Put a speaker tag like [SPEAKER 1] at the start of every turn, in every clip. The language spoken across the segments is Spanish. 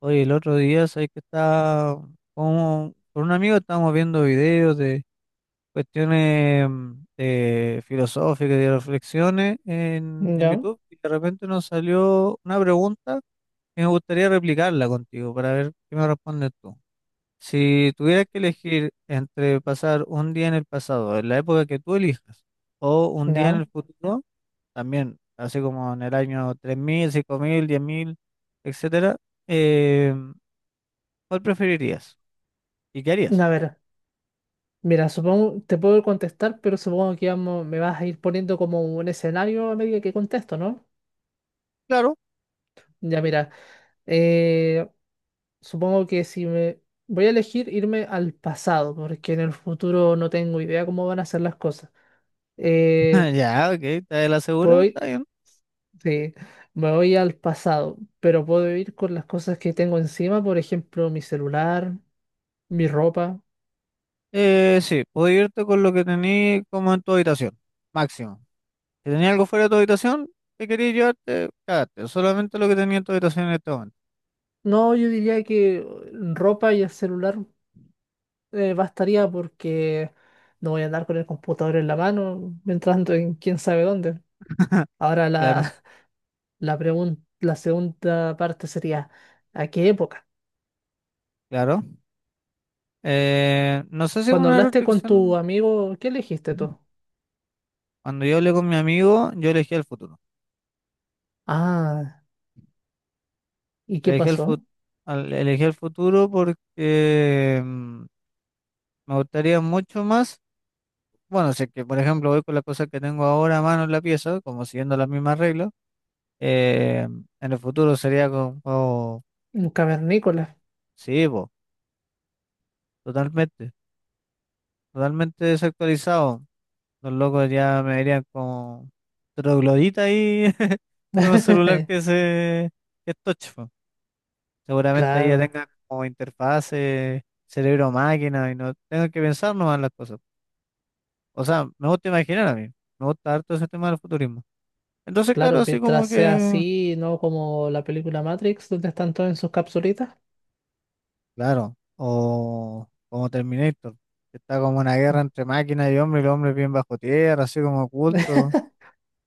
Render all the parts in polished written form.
[SPEAKER 1] Oye, el otro día, ¿sabes que estaba como, con un amigo estábamos viendo videos de cuestiones filosóficas y de reflexiones en
[SPEAKER 2] Ya,
[SPEAKER 1] YouTube y de repente nos salió una pregunta que me gustaría replicarla contigo para ver qué me respondes tú. Si tuvieras que elegir entre pasar un día en el pasado, en la época que tú elijas, o un día en
[SPEAKER 2] ya.
[SPEAKER 1] el futuro, también, así como en el año tres mil cinco mil diez mil etcétera, eh, ¿cuál preferirías? ¿Y qué harías?
[SPEAKER 2] A ver, mira, supongo, te puedo contestar, pero supongo que vamos, me vas a ir poniendo como un escenario a medida que contesto, ¿no?
[SPEAKER 1] Claro.
[SPEAKER 2] Ya, mira, eh, supongo que si me... Voy a elegir irme al pasado, porque en el futuro no tengo idea cómo van a ser las cosas. Eh,
[SPEAKER 1] Ya, ok, está de la segura,
[SPEAKER 2] puedo ir-
[SPEAKER 1] está bien.
[SPEAKER 2] sí, me voy al pasado, pero puedo ir con las cosas que tengo encima, por ejemplo, mi celular, mi ropa.
[SPEAKER 1] Sí, puedes irte con lo que tenías como en tu habitación, máximo. Si tenías algo fuera de tu habitación, te querías llevarte, cagaste. Solamente lo que tenía en tu habitación en este momento.
[SPEAKER 2] No, yo diría que ropa y el celular bastaría porque no voy a andar con el computador en la mano, entrando en quién sabe dónde. Ahora
[SPEAKER 1] Claro,
[SPEAKER 2] la, la segunda parte sería, ¿a qué época?
[SPEAKER 1] claro. No sé si es
[SPEAKER 2] Cuando
[SPEAKER 1] una
[SPEAKER 2] hablaste con tu
[SPEAKER 1] restricción.
[SPEAKER 2] amigo, ¿qué elegiste tú?
[SPEAKER 1] Cuando yo hablé con mi amigo, yo elegí el futuro.
[SPEAKER 2] Ah, ¿y qué
[SPEAKER 1] Elegí el, fut-
[SPEAKER 2] pasó?
[SPEAKER 1] Elegí el futuro porque me gustaría mucho más. Bueno, si es que, por ejemplo, voy con la cosa que tengo ahora a mano en la pieza, como siguiendo las mismas reglas, eh, en el futuro sería con juego,
[SPEAKER 2] Un cavernícola.
[SPEAKER 1] sí, po, totalmente, totalmente desactualizado. Los locos ya me verían como troglodita ahí con un celular que es touch, po. Seguramente ahí ya
[SPEAKER 2] Claro,
[SPEAKER 1] tengan como interfaces cerebro-máquina, y no tengo que pensar nomás las cosas. O sea, me gusta imaginar a mí, me gusta harto ese tema del futurismo. Entonces, claro,
[SPEAKER 2] claro,
[SPEAKER 1] así
[SPEAKER 2] mientras
[SPEAKER 1] como
[SPEAKER 2] sea
[SPEAKER 1] que.
[SPEAKER 2] así, no como la película Matrix, donde están todos en sus capsulitas.
[SPEAKER 1] Claro, o como Terminator, que está como una guerra entre máquinas y hombres, y los hombres bien bajo tierra, así como ocultos.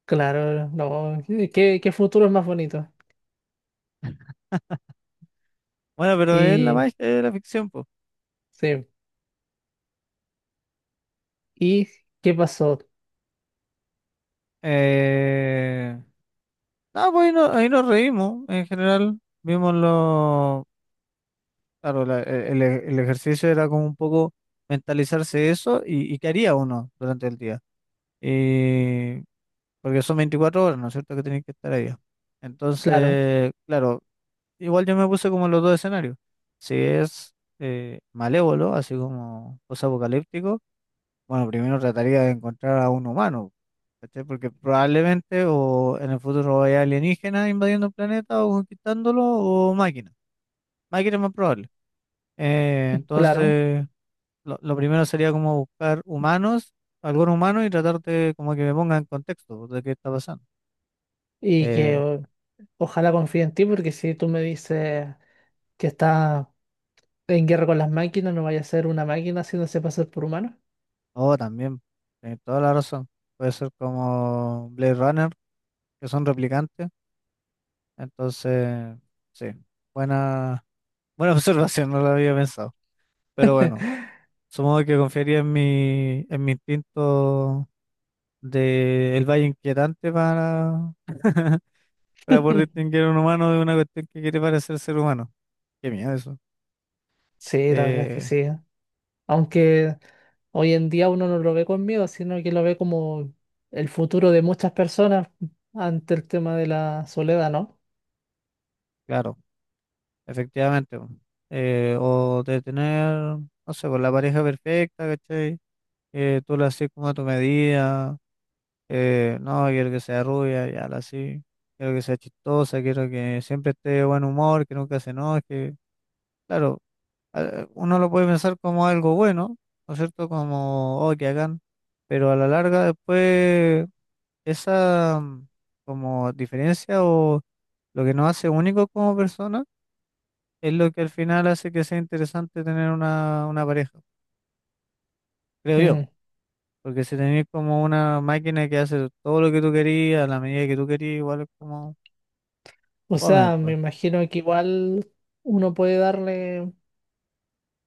[SPEAKER 2] Claro, no, ¿qué futuro es más bonito?
[SPEAKER 1] Bueno, pero es la
[SPEAKER 2] Y
[SPEAKER 1] magia de la ficción, pues.
[SPEAKER 2] sí. ¿Y qué pasó?
[SPEAKER 1] Eh... No, pues ahí, ahí nos reímos en general. Vimos lo. Claro, el ejercicio era como un poco mentalizarse eso y qué haría uno durante el día. Y... Porque son 24 horas, ¿no es cierto? Que tienen que estar ahí.
[SPEAKER 2] Claro,
[SPEAKER 1] Entonces, claro, igual yo me puse como los dos escenarios. Si es malévolo, así como post-apocalíptico, bueno, primero trataría de encontrar a un humano, ¿cachai? Porque probablemente o en el futuro haya alienígenas invadiendo el planeta o conquistándolo o máquinas. Máquinas es más probable.
[SPEAKER 2] claro.
[SPEAKER 1] Entonces, lo primero sería como buscar humanos, algún humano y tratar de como que me ponga en contexto de qué está pasando.
[SPEAKER 2] Y que
[SPEAKER 1] Eh,
[SPEAKER 2] o- ojalá confíe en ti, porque si tú me dices que está en guerra con las máquinas, no vaya a ser una máquina haciéndose pasar por humano.
[SPEAKER 1] oh, también, tenés toda la razón. Puede ser como Blade Runner que son replicantes. Entonces, sí, buena, buena observación, no lo había pensado. Pero bueno, supongo que confiaría en mi instinto de el valle inquietante para, para poder distinguir a un humano de una cuestión que quiere parecer ser humano. Qué miedo eso.
[SPEAKER 2] Sí, la verdad es que
[SPEAKER 1] Eh,
[SPEAKER 2] sí. Aunque hoy en día uno no lo ve con miedo, sino que lo ve como el futuro de muchas personas ante el tema de la soledad, ¿no?
[SPEAKER 1] claro, efectivamente. Bueno. O de tener, no sé, pues la pareja perfecta, ¿cachai? Que tú la haces como a tu medida. No, quiero que sea rubia, ya la sí. Quiero que sea chistosa, quiero que siempre esté de buen humor, que nunca se enoje. Claro, uno lo puede pensar como algo bueno, ¿no es cierto? Como, oh, que hagan. Pero a la larga después esa como diferencia o lo que nos hace únicos como personas es lo que al final hace que sea interesante tener una pareja, creo yo.
[SPEAKER 2] Mm.
[SPEAKER 1] Porque si tenés como una máquina que hace todo lo que tú querías, a la medida que tú querías, igual es como...
[SPEAKER 2] O
[SPEAKER 1] Fome,
[SPEAKER 2] sea, me
[SPEAKER 1] pues,
[SPEAKER 2] imagino que igual uno puede darle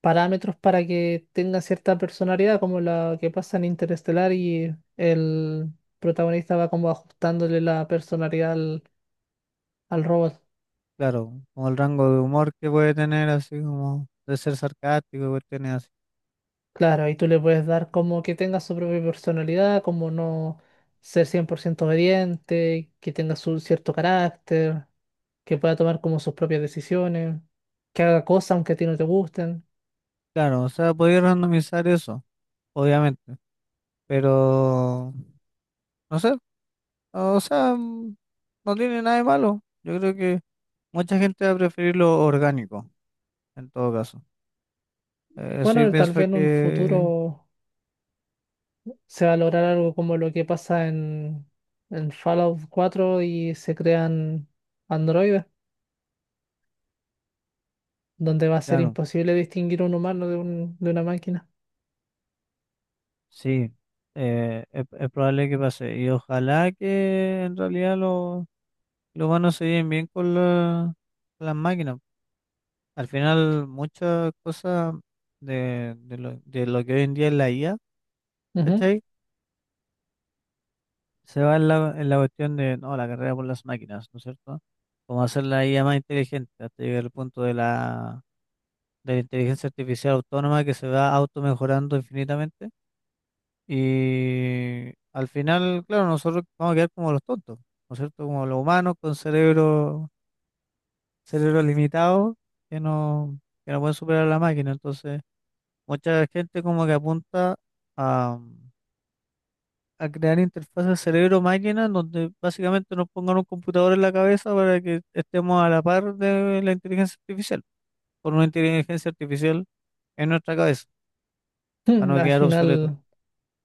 [SPEAKER 2] parámetros para que tenga cierta personalidad, como la que pasa en Interestelar y el protagonista va como ajustándole la personalidad al robot.
[SPEAKER 1] claro, como el rango de humor que puede tener, así como de ser sarcástico, y cuestiones así.
[SPEAKER 2] Claro, y tú le puedes dar como que tenga su propia personalidad, como no ser 100% obediente, que tenga su cierto carácter, que pueda tomar como sus propias decisiones, que haga cosas aunque a ti no te gusten.
[SPEAKER 1] Claro, o sea, podía randomizar eso, obviamente, pero no sé, o sea, no tiene nada de malo. Yo creo que mucha gente va a preferir lo orgánico, en todo caso. Eso yo
[SPEAKER 2] Bueno, tal
[SPEAKER 1] pienso
[SPEAKER 2] vez en un
[SPEAKER 1] que,
[SPEAKER 2] futuro se va a lograr algo como lo que pasa en Fallout cuatro y se crean androides, donde va a ser
[SPEAKER 1] claro,
[SPEAKER 2] imposible distinguir un humano de, de una máquina.
[SPEAKER 1] sí, es probable que pase. Y ojalá que en realidad los humanos se lleven bien con las máquinas. Al final, muchas cosas de lo que hoy en día es la IA,
[SPEAKER 2] Ujú.
[SPEAKER 1] ¿cachai? Se va en en la cuestión de, no, la carrera por las máquinas, ¿no es cierto? Como hacer la IA más inteligente, hasta llegar al punto de de la inteligencia artificial autónoma que se va automejorando infinitamente. Y al final, claro, nosotros vamos a quedar como los tontos, ¿no es cierto? Como los humanos con cerebro, cerebro limitado que no, que no pueden superar a la máquina. Entonces... Mucha gente como que apunta a, a crear interfaces cerebro-máquina donde básicamente nos pongan un computador en la cabeza para que estemos a la par de la inteligencia artificial, por una inteligencia artificial en nuestra cabeza, para
[SPEAKER 2] Mm,
[SPEAKER 1] no
[SPEAKER 2] al
[SPEAKER 1] quedar obsoleto.
[SPEAKER 2] final,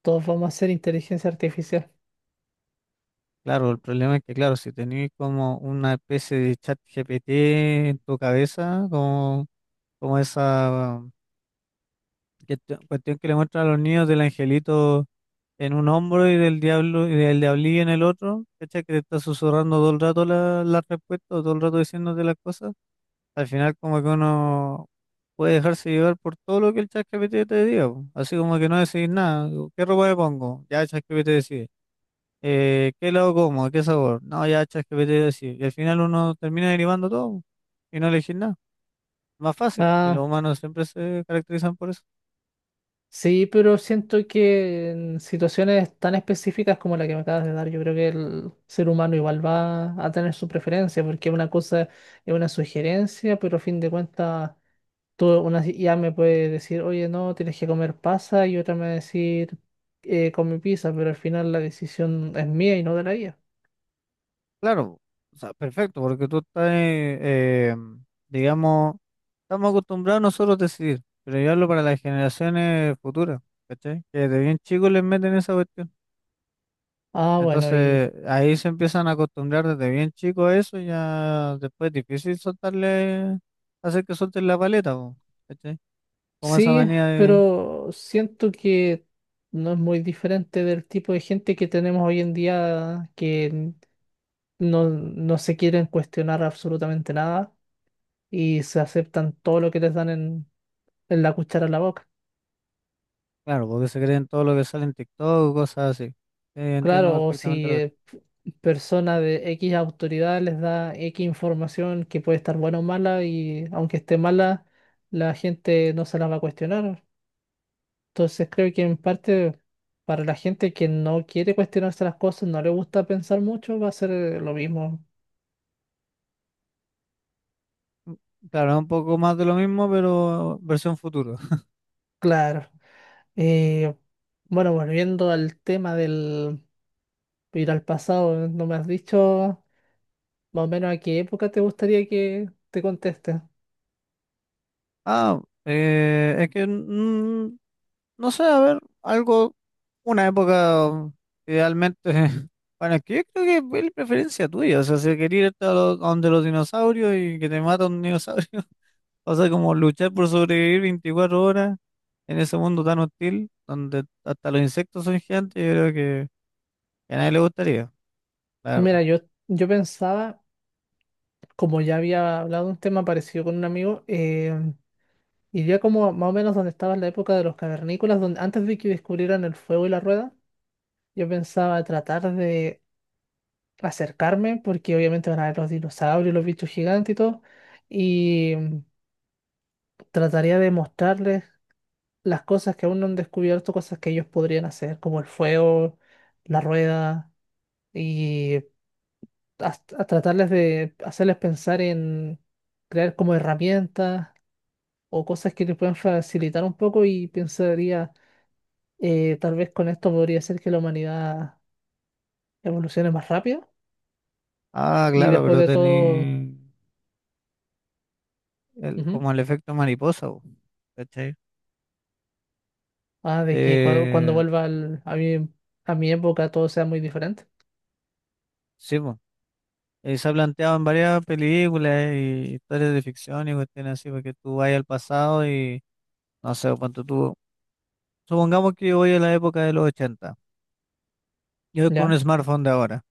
[SPEAKER 2] todos vamos a ser inteligencia artificial.
[SPEAKER 1] Claro, el problema es que, claro, si tenéis como una especie de chat GPT en tu cabeza, como, como esa que- cuestión que le muestran a los niños del angelito en un hombro y del diablo y del diablillo en el otro, ¿cachai? Que te está susurrando todo el rato la respuesta o todo el rato diciéndote las cosas, al final como que uno puede dejarse llevar por todo lo que el ChatGPT te diga, po. Así como que no decís nada, digo, ¿qué ropa me pongo? Ya ChatGPT decide. ¿Qué lado como? ¿Qué sabor? No, ya ChatGPT decide. Y al final uno termina derivando todo po, y no elegir nada. Más fácil. Y los
[SPEAKER 2] Ah,
[SPEAKER 1] humanos siempre se caracterizan por eso.
[SPEAKER 2] sí, pero siento que en situaciones tan específicas como la que me acabas de dar, yo creo que el ser humano igual va a tener su preferencia, porque una cosa es una sugerencia, pero a fin de cuentas tú, una si- ya me puede decir, oye, no, tienes que comer pasa, y otra me va a decir, come pizza, pero al final la decisión es mía y no de la IA.
[SPEAKER 1] Claro, o sea, perfecto, porque tú estás, digamos, estamos acostumbrados nosotros a decidir, pero yo hablo para las generaciones futuras, ¿cachai? Que desde bien chicos les meten esa cuestión.
[SPEAKER 2] Ah, bueno, y
[SPEAKER 1] Entonces, ahí se empiezan a acostumbrar desde bien chicos a eso, y ya después es difícil soltarle, hacer que suelten la paleta, po, ¿cachai? Como esa
[SPEAKER 2] sí,
[SPEAKER 1] manía de,
[SPEAKER 2] pero siento que no es muy diferente del tipo de gente que tenemos hoy en día que no se quieren cuestionar absolutamente nada y se aceptan todo lo que les dan en la cuchara en la boca.
[SPEAKER 1] claro, porque se creen todo lo que sale en TikTok, cosas así. Sí, entiendo
[SPEAKER 2] Claro, o
[SPEAKER 1] perfectamente
[SPEAKER 2] si
[SPEAKER 1] lo que...
[SPEAKER 2] persona de X autoridad les da X información que puede estar buena o mala y aunque esté mala, la gente no se la va a cuestionar. Entonces creo que en parte para la gente que no quiere cuestionarse las cosas, no le gusta pensar mucho, va a ser lo mismo.
[SPEAKER 1] Claro, es un poco más de lo mismo, pero versión futuro.
[SPEAKER 2] Claro. Eh, bueno, volviendo al tema del ir al pasado, no me has dicho más o menos a qué época te gustaría que te conteste.
[SPEAKER 1] Ah, es que no sé, a ver, algo, una época idealmente, bueno, es que yo creo que es la preferencia tuya, o sea, si querías irte a a donde los dinosaurios y que te mata un dinosaurio, o sea, como luchar por sobrevivir 24 horas en ese mundo tan hostil, donde hasta los insectos son gigantes, yo creo que a nadie le gustaría, la verdad.
[SPEAKER 2] Mira, yo pensaba como ya había hablado de un tema parecido con un amigo, iría como más o menos donde estaba en la época de los cavernícolas, donde antes de que descubrieran el fuego y la rueda, yo pensaba tratar de acercarme, porque obviamente van a ver los dinosaurios, los bichos gigantes y todo, y trataría de mostrarles las cosas que aún no han descubierto, cosas que ellos podrían hacer, como el fuego, la rueda, y a, a tratarles de hacerles pensar en crear como herramientas o cosas que te puedan facilitar un poco y pensaría, tal vez con esto podría ser que la humanidad evolucione más rápido
[SPEAKER 1] Ah,
[SPEAKER 2] y
[SPEAKER 1] claro,
[SPEAKER 2] después
[SPEAKER 1] pero
[SPEAKER 2] de todo,
[SPEAKER 1] tenía
[SPEAKER 2] ujú,
[SPEAKER 1] como el efecto mariposa, po, ¿cachai?
[SPEAKER 2] ah, de que cuando,
[SPEAKER 1] Te-
[SPEAKER 2] a a mi época todo sea muy diferente.
[SPEAKER 1] Sí, po. Se ha planteado en varias películas y historias de ficción y cuestiones así, porque tú vas al pasado y no sé cuánto tú. Supongamos que yo voy a la época de los 80. Yo voy con
[SPEAKER 2] Ya,
[SPEAKER 1] un smartphone de ahora,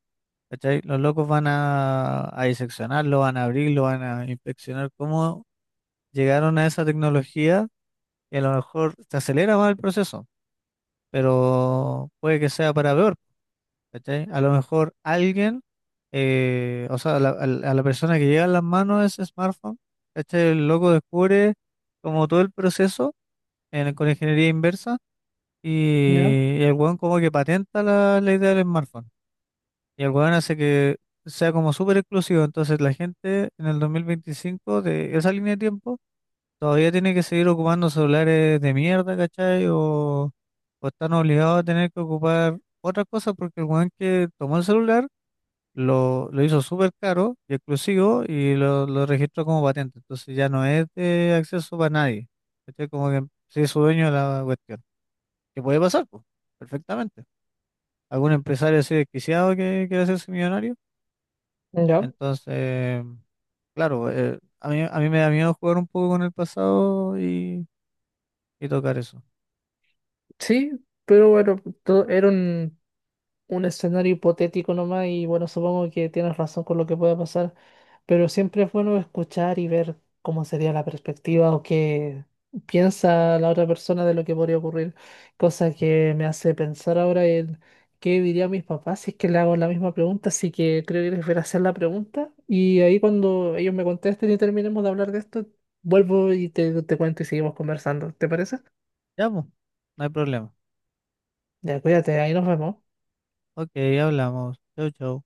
[SPEAKER 1] ¿cachai? Los locos van a diseccionarlo, van a abrirlo, van a inspeccionar cómo llegaron a esa tecnología y a lo mejor se acelera más el proceso, pero puede que sea para peor. ¿Cachai? A lo mejor alguien, o sea, a la persona que llega en las manos ese smartphone, ¿cachai? El loco descubre como todo el proceso con ingeniería inversa
[SPEAKER 2] ya,
[SPEAKER 1] y el weón como que patenta la idea del smartphone. Y el weón hace que sea como súper exclusivo. Entonces la gente en el 2025 de esa línea de tiempo todavía tiene que seguir ocupando celulares de mierda, ¿cachai? O están obligados a tener que ocupar otras cosas porque el weón que tomó el celular lo hizo súper caro y exclusivo lo registró como patente. Entonces ya no es de acceso para nadie. ¿Cachai? Como que sí es su dueño de la cuestión. Que puede pasar, pues, perfectamente. Algún empresario así desquiciado que quiere hacerse millonario.
[SPEAKER 2] ya.
[SPEAKER 1] Entonces, claro, a mí me da miedo jugar un poco con el pasado y tocar eso.
[SPEAKER 2] Sí, pero bueno, todo, era un escenario hipotético nomás y bueno, supongo que tienes razón con lo que pueda pasar, pero siempre es bueno escuchar y ver cómo sería la perspectiva o qué piensa la otra persona de lo que podría ocurrir, cosa que me hace pensar ahora en qué dirían mis papás si es que le hago la misma pregunta, así que creo que les voy a hacer la pregunta y ahí cuando ellos me contesten y terminemos de hablar de esto, vuelvo y te cuento y seguimos conversando, ¿te parece?
[SPEAKER 1] Ya, pues, no hay problema.
[SPEAKER 2] Ya, cuídate, ahí nos vemos.
[SPEAKER 1] Ok, hablamos. Chau, chau.